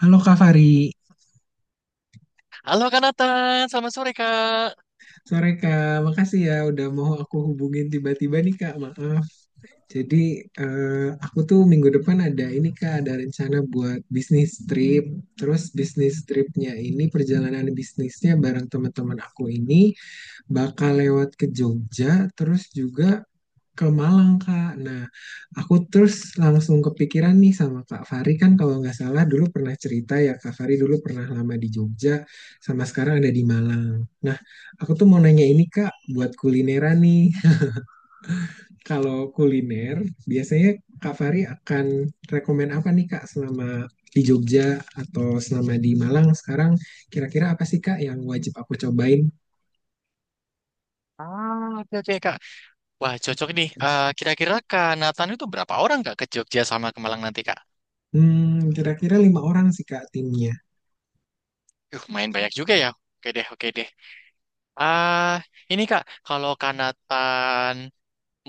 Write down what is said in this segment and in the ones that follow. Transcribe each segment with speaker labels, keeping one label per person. Speaker 1: Halo Kak Fari,
Speaker 2: Halo Kak Nathan, selamat sore Kak.
Speaker 1: sore Kak. Makasih ya udah mau aku hubungin tiba-tiba nih Kak. Maaf. Jadi aku tuh minggu depan ada ini Kak, ada rencana buat bisnis trip. Terus bisnis tripnya ini perjalanan bisnisnya bareng teman-teman aku ini bakal lewat ke Jogja, terus juga ke Malang Kak. Nah, aku terus langsung kepikiran nih sama Kak Fari, kan kalau nggak salah dulu pernah cerita ya, Kak Fari dulu pernah lama di Jogja sama sekarang ada di Malang. Nah, aku tuh mau nanya ini Kak buat kulineran nih. Kalau kuliner biasanya Kak Fari akan rekomen apa nih Kak, selama di Jogja atau selama di Malang sekarang kira-kira apa sih Kak yang wajib aku cobain?
Speaker 2: Oke oke Kak. Wah, cocok nih. Kira-kira Kak Nathan itu berapa orang Kak ke Jogja sama ke Malang nanti Kak?
Speaker 1: Kira-kira 5 orang sih Kak timnya.
Speaker 2: Main banyak juga ya. Oke deh, oke deh. Ah, ini Kak, kalau Kak Nathan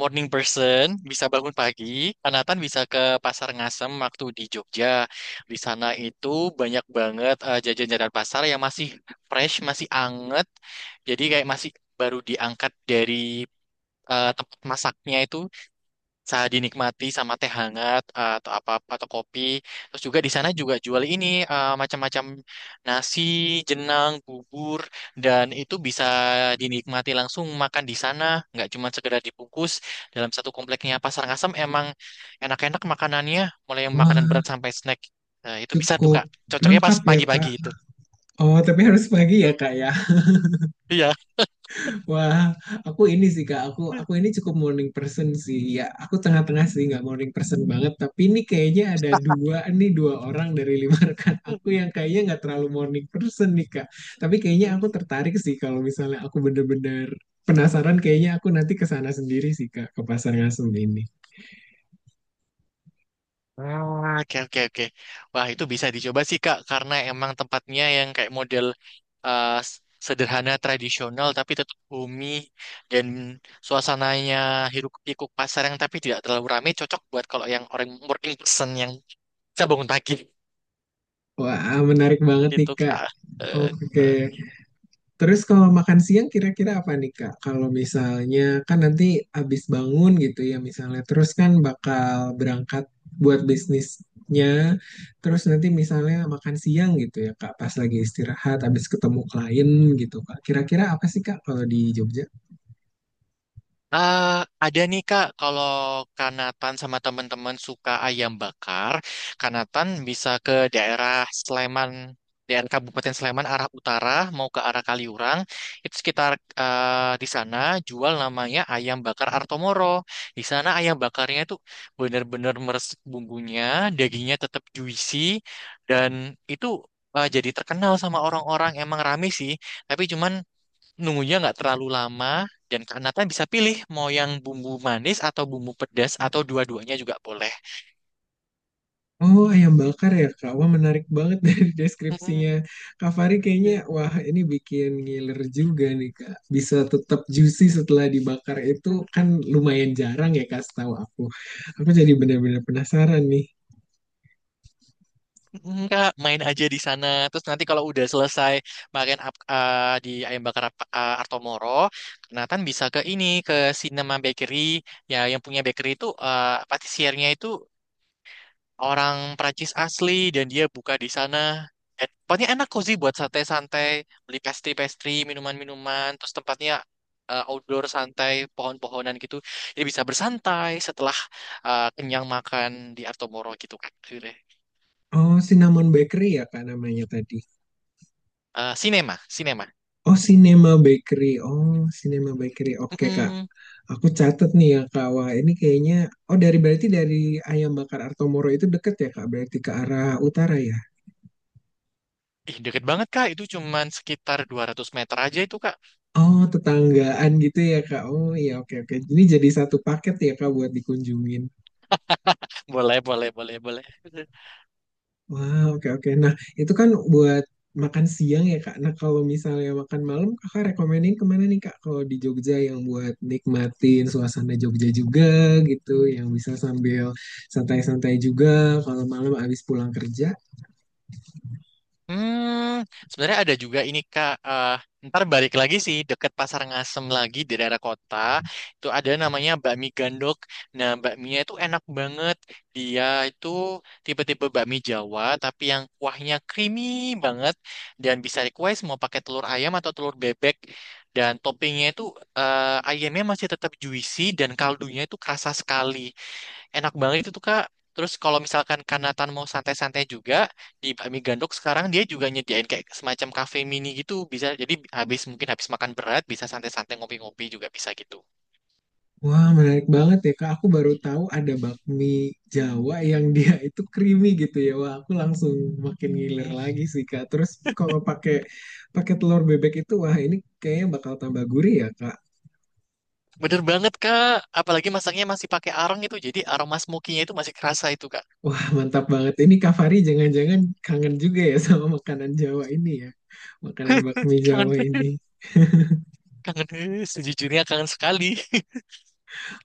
Speaker 2: morning person bisa bangun pagi, Kak Nathan bisa ke Pasar Ngasem waktu di Jogja. Di sana itu banyak banget jajan-jajan pasar yang masih fresh, masih anget. Jadi kayak masih baru diangkat dari tempat masaknya itu. Saat dinikmati sama teh hangat, atau kopi. Terus juga di sana juga jual ini macam-macam nasi, jenang, bubur dan itu bisa dinikmati langsung makan di sana, nggak cuma sekedar dibungkus. Dalam satu kompleknya Pasar Ngasem emang enak-enak makanannya, mulai yang makanan berat
Speaker 1: Wah,
Speaker 2: sampai snack. Nah, itu bisa tuh
Speaker 1: cukup
Speaker 2: Kak. Cocoknya pas
Speaker 1: lengkap ya
Speaker 2: pagi-pagi
Speaker 1: Kak.
Speaker 2: itu.
Speaker 1: Oh, tapi harus pagi ya, Kak ya.
Speaker 2: Iya.
Speaker 1: Wah, aku ini sih, Kak. Aku ini cukup morning person sih. Ya, aku tengah-tengah sih, nggak morning person banget. Tapi ini kayaknya ada 2 nih, 2 orang dari 5 rekan aku yang kayaknya nggak terlalu morning person nih, Kak. Tapi kayaknya aku tertarik sih kalau misalnya aku bener-bener penasaran. Kayaknya aku nanti ke sana sendiri sih, Kak, ke Pasar Ngasem ini.
Speaker 2: Oke oke oke. Wah, itu bisa dicoba sih Kak karena emang tempatnya yang kayak model eh, s- sederhana tradisional tapi tetap bumi dan suasananya hiruk-pikuk pasar yang tapi tidak terlalu ramai, cocok buat kalau yang orang working person yang bisa bangun pagi
Speaker 1: Wah, menarik banget nih,
Speaker 2: gitu
Speaker 1: Kak.
Speaker 2: Kak. Eh,
Speaker 1: Oke.
Speaker 2: eh.
Speaker 1: Terus kalau makan siang kira-kira apa nih Kak? Kalau misalnya kan nanti abis bangun gitu ya, misalnya terus kan bakal berangkat buat bisnisnya. Terus nanti misalnya makan siang gitu ya Kak, pas lagi istirahat abis ketemu klien gitu Kak. Kira-kira apa sih Kak kalau di Jogja?
Speaker 2: Eh, ada nih Kak, kalau Kanatan sama teman-teman suka ayam bakar, Kanatan bisa ke daerah Sleman, daerah Kabupaten Sleman arah utara mau ke arah Kaliurang, itu sekitar di sana jual namanya ayam bakar Artomoro. Di sana ayam bakarnya itu benar-benar meresap bumbunya, dagingnya tetap juicy dan itu jadi terkenal sama orang-orang, emang rame sih, tapi cuman nunggunya nggak terlalu lama dan karena kan bisa pilih mau yang bumbu manis atau bumbu pedas atau dua-duanya juga boleh.
Speaker 1: Oh, ayam bakar ya, Kak. Wah, menarik banget dari deskripsinya. Kak Fari kayaknya, wah ini bikin ngiler juga nih, Kak. Bisa tetap juicy setelah dibakar itu kan lumayan jarang ya, Kak, setahu aku. Aku jadi benar-benar penasaran nih.
Speaker 2: Enggak, main aja di sana. Terus nanti kalau udah selesai di ayam bakar Artomoro, Nathan bisa ke ini ke Cinema Bakery. Ya, yang punya bakery itu patisiernya itu orang Prancis asli dan dia buka di sana. Dan tempatnya enak cozy buat santai-santai, beli pastry-pastry, minuman-minuman, terus tempatnya outdoor santai, pohon-pohonan gitu. Jadi bisa bersantai setelah kenyang makan di Artomoro gitu kan. Akhirnya.
Speaker 1: Oh, Cinnamon Bakery ya, Kak, namanya tadi.
Speaker 2: Sinema, sinema.
Speaker 1: Oh, Cinema Bakery. Oh, Cinema Bakery. Oke, Kak.
Speaker 2: Mm-mm.
Speaker 1: Aku catat nih ya, Kak. Wah, ini kayaknya... Oh, berarti dari Ayam Bakar Artomoro itu deket ya, Kak? Berarti ke arah utara ya?
Speaker 2: Ih, deket banget Kak, itu cuman sekitar 200 meter aja itu Kak.
Speaker 1: Oh, tetanggaan gitu ya, Kak. Oh, iya, oke, oke. Ini jadi satu paket ya, Kak, buat dikunjungin.
Speaker 2: Boleh, boleh, boleh, boleh.
Speaker 1: Wah, oke, oke. Nah, itu kan buat makan siang ya, Kak. Nah, kalau misalnya makan malam, Kakak rekomenin kemana nih, Kak? Kalau di Jogja yang buat nikmatin suasana Jogja juga gitu, yang bisa sambil santai-santai juga. Kalau malam abis pulang kerja.
Speaker 2: Hmm, sebenarnya ada juga ini Kak. Ntar balik lagi sih deket Pasar Ngasem lagi di daerah kota. Itu ada namanya bakmi gandok. Nah, bakminya itu enak banget. Dia itu tipe-tipe bakmi Jawa tapi yang kuahnya creamy banget dan bisa request mau pakai telur ayam atau telur bebek. Dan toppingnya itu ayamnya masih tetap juicy dan kaldunya itu kerasa sekali. Enak banget itu tuh Kak. Terus kalau misalkan Kanatan mau santai-santai juga di Bakmi Gandok, sekarang dia juga nyediain kayak semacam kafe mini gitu, bisa jadi habis mungkin habis makan berat bisa santai-santai ngopi-ngopi juga bisa gitu.
Speaker 1: Wah, menarik banget ya, Kak. Aku baru tahu ada bakmi Jawa yang dia itu creamy gitu ya. Wah, aku langsung makin ngiler
Speaker 2: Hmm,
Speaker 1: lagi sih, Kak. Terus kalau pakai pakai telur bebek itu, wah ini kayaknya bakal tambah gurih ya, Kak.
Speaker 2: bener banget Kak. Apalagi masaknya masih pakai arang itu jadi aroma smokinya itu masih kerasa itu Kak.
Speaker 1: Wah, mantap banget. Ini Kak Fari jangan-jangan kangen juga ya sama makanan Jawa ini ya. Makanan bakmi
Speaker 2: Kangen,
Speaker 1: Jawa ini.
Speaker 2: sejujurnya kangen sekali.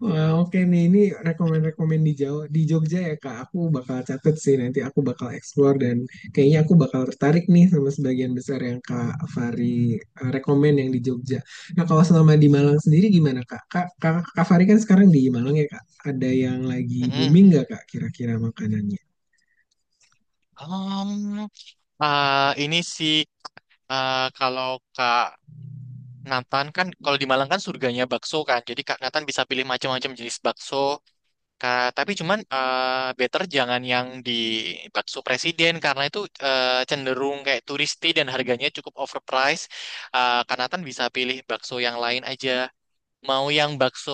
Speaker 1: Wah, oke nih, ini rekomend-rekomend di Jawa, di Jogja ya Kak. Aku bakal catet sih, nanti aku bakal explore dan kayaknya aku bakal tertarik nih sama sebagian besar yang Kak Fari rekomend yang di Jogja. Nah, kalau selama di Malang sendiri gimana Kak? Kak Fari kan sekarang di Malang ya Kak. Ada yang lagi
Speaker 2: Mm-mm.
Speaker 1: booming nggak Kak kira-kira makanannya?
Speaker 2: Um, ini sih, kalau Kak Nathan kan kalau di Malang kan surganya bakso kan. Jadi Kak Nathan bisa pilih macam-macam jenis bakso. Kak, tapi cuman better jangan yang di bakso presiden karena itu cenderung kayak turisti dan harganya cukup overpriced. Kak Nathan bisa pilih bakso yang lain aja. Mau yang bakso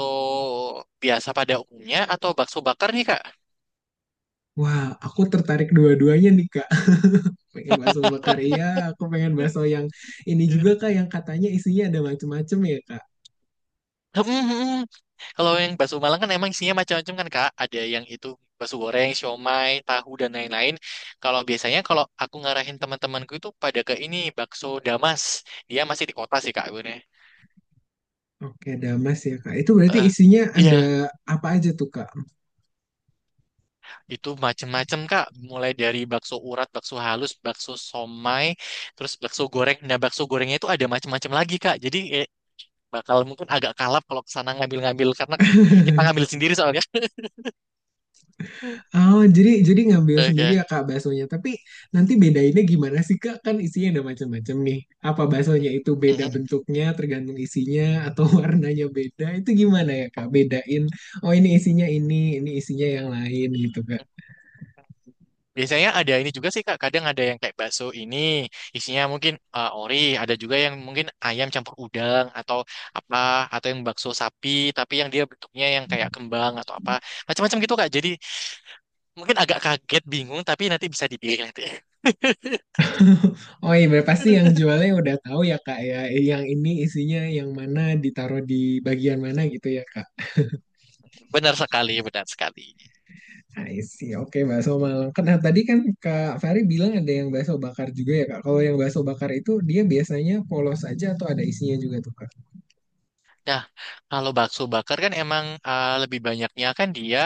Speaker 2: biasa pada umumnya atau bakso bakar nih Kak?
Speaker 1: Wah, aku tertarik dua-duanya nih Kak. Pengen bakso bakar iya, aku pengen bakso yang ini juga Kak yang katanya isinya ada macem-macem ya Kak.
Speaker 2: Hmm, hmm, hmm. Kalau yang bakso Malang kan emang isinya macam-macam kan Kak. Ada yang itu bakso goreng, siomay, tahu dan lain-lain. Kalau biasanya kalau aku ngarahin teman-temanku itu pada ke ini bakso Damas. Dia masih di kota sih Kak gue.
Speaker 1: Oke, Damas ya Kak. Itu berarti
Speaker 2: Eh,
Speaker 1: isinya ada
Speaker 2: iya,
Speaker 1: apa aja tuh Kak?
Speaker 2: itu macam-macam Kak. Mulai dari bakso urat, bakso halus, bakso somai, terus bakso goreng. Nah, bakso gorengnya itu ada macam-macam lagi Kak. Jadi bakal mungkin agak kalap kalau kesana ngambil-ngambil karena kita ngambil sendiri soalnya.
Speaker 1: Oh, jadi ngambil sendiri
Speaker 2: Oke.
Speaker 1: ya Kak baksonya. Tapi nanti bedainnya gimana sih Kak? Kan isinya ada macam-macam nih. Apa baksonya itu beda
Speaker 2: Mm-mm.
Speaker 1: bentuknya tergantung isinya atau warnanya beda? Itu gimana ya Kak? Bedain. Oh, ini isinya yang lain gitu Kak.
Speaker 2: Biasanya ada ini juga sih Kak, kadang ada yang kayak bakso ini isinya mungkin ori, ada juga yang mungkin ayam campur udang atau apa, atau yang bakso sapi tapi yang dia bentuknya yang kayak kembang atau apa. Macam-macam gitu Kak. Jadi mungkin agak kaget, bingung tapi nanti bisa dipilih nanti.
Speaker 1: Oh, iya berarti pasti yang jualnya udah tahu ya Kak ya. Yang ini isinya yang mana ditaruh di bagian mana gitu ya Kak.
Speaker 2: Benar sekali, benar sekali.
Speaker 1: I see. Oke, bakso Malang. Kan nah, tadi kan Kak Fari bilang ada yang bakso bakar juga ya, Kak. Kalau yang bakso bakar itu dia biasanya polos aja atau ada isinya juga tuh, Kak?
Speaker 2: Nah, kalau bakso bakar kan emang lebih banyaknya kan dia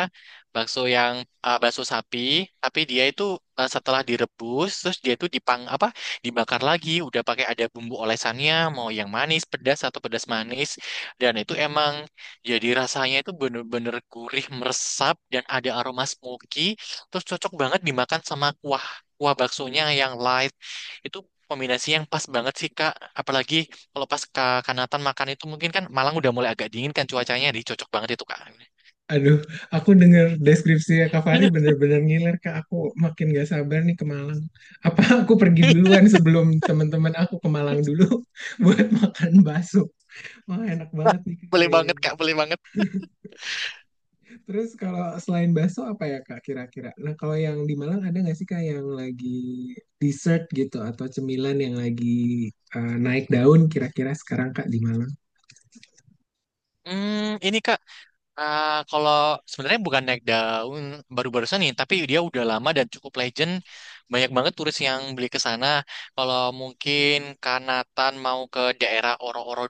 Speaker 2: bakso yang bakso sapi, tapi dia itu setelah direbus terus dia itu dipang apa dibakar lagi, udah pakai ada bumbu olesannya, mau yang manis, pedas atau pedas manis, dan itu emang jadi rasanya itu bener-bener gurih meresap dan ada aroma smoky, terus cocok banget dimakan sama kuah kuah baksonya yang light, itu kombinasi yang pas banget sih Kak, apalagi kalau pas ke Kanatan makan itu mungkin kan Malang udah mulai agak dingin kan cuacanya, jadi cocok banget itu Kak.
Speaker 1: Aduh, aku dengar deskripsi Kak Fari bener-bener ngiler, Kak. Aku makin gak sabar nih ke Malang. Apa aku pergi duluan sebelum teman-teman aku ke Malang dulu buat makan bakso? Wah, enak banget nih, Kak,
Speaker 2: Boleh banget
Speaker 1: kayaknya.
Speaker 2: Kak, boleh banget.
Speaker 1: Terus kalau selain bakso apa ya Kak kira-kira? Nah kalau yang di Malang ada nggak sih Kak yang lagi dessert gitu atau cemilan yang lagi naik daun kira-kira sekarang Kak di Malang?
Speaker 2: Hmm, ini Kak. Kalau sebenarnya bukan naik daun baru-barusan nih, tapi dia udah lama dan cukup legend. Banyak banget turis yang beli ke sana. Kalau mungkin Kanatan mau ke daerah Oro-Oro,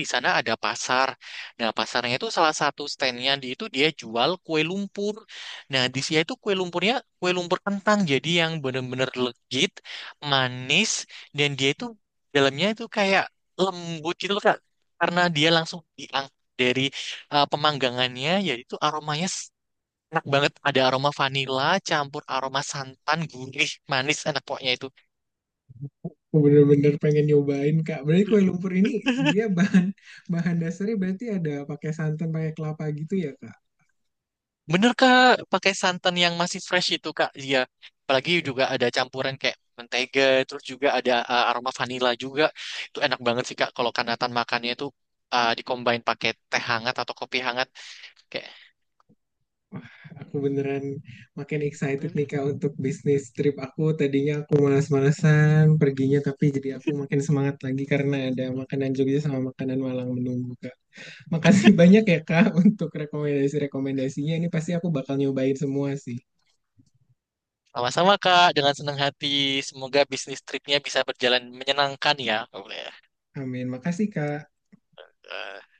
Speaker 2: di sana ada pasar. Nah, pasarnya itu salah satu standnya di itu dia jual kue lumpur. Nah, di sini itu kue lumpurnya kue lumpur kentang, jadi yang bener-bener legit, manis, dan dia itu dalamnya itu kayak lembut gitu loh, Kak. Karena dia langsung diangkat dari pemanggangannya, yaitu aromanya enak banget, ada aroma vanila campur aroma santan gurih manis enak pokoknya itu.
Speaker 1: Aku bener-bener pengen nyobain Kak. Berarti kue lumpur ini dia bahan bahan dasarnya berarti ada pakai santan, pakai kelapa gitu ya Kak?
Speaker 2: Bener Kak, pakai santan yang masih fresh itu Kak, iya. Apalagi juga ada campuran kayak mentega terus juga ada aroma vanila juga. Itu enak banget sih Kak, kalau Kanatan makannya itu dikombain pakai teh hangat atau kopi hangat kayak.
Speaker 1: Wah, aku beneran makin excited nih Kak untuk bisnis trip aku. Tadinya aku malas malasan perginya tapi jadi aku makin semangat lagi karena ada makanan Jogja sama makanan Malang menunggu Kak. Makasih banyak ya Kak untuk rekomendasi-rekomendasinya. Ini pasti aku bakal nyobain semua sih.
Speaker 2: Sama-sama Kak, dengan senang hati. Semoga bisnis tripnya bisa berjalan menyenangkan ya. Boleh. Ya.
Speaker 1: Amin. Makasih Kak.
Speaker 2: Eh,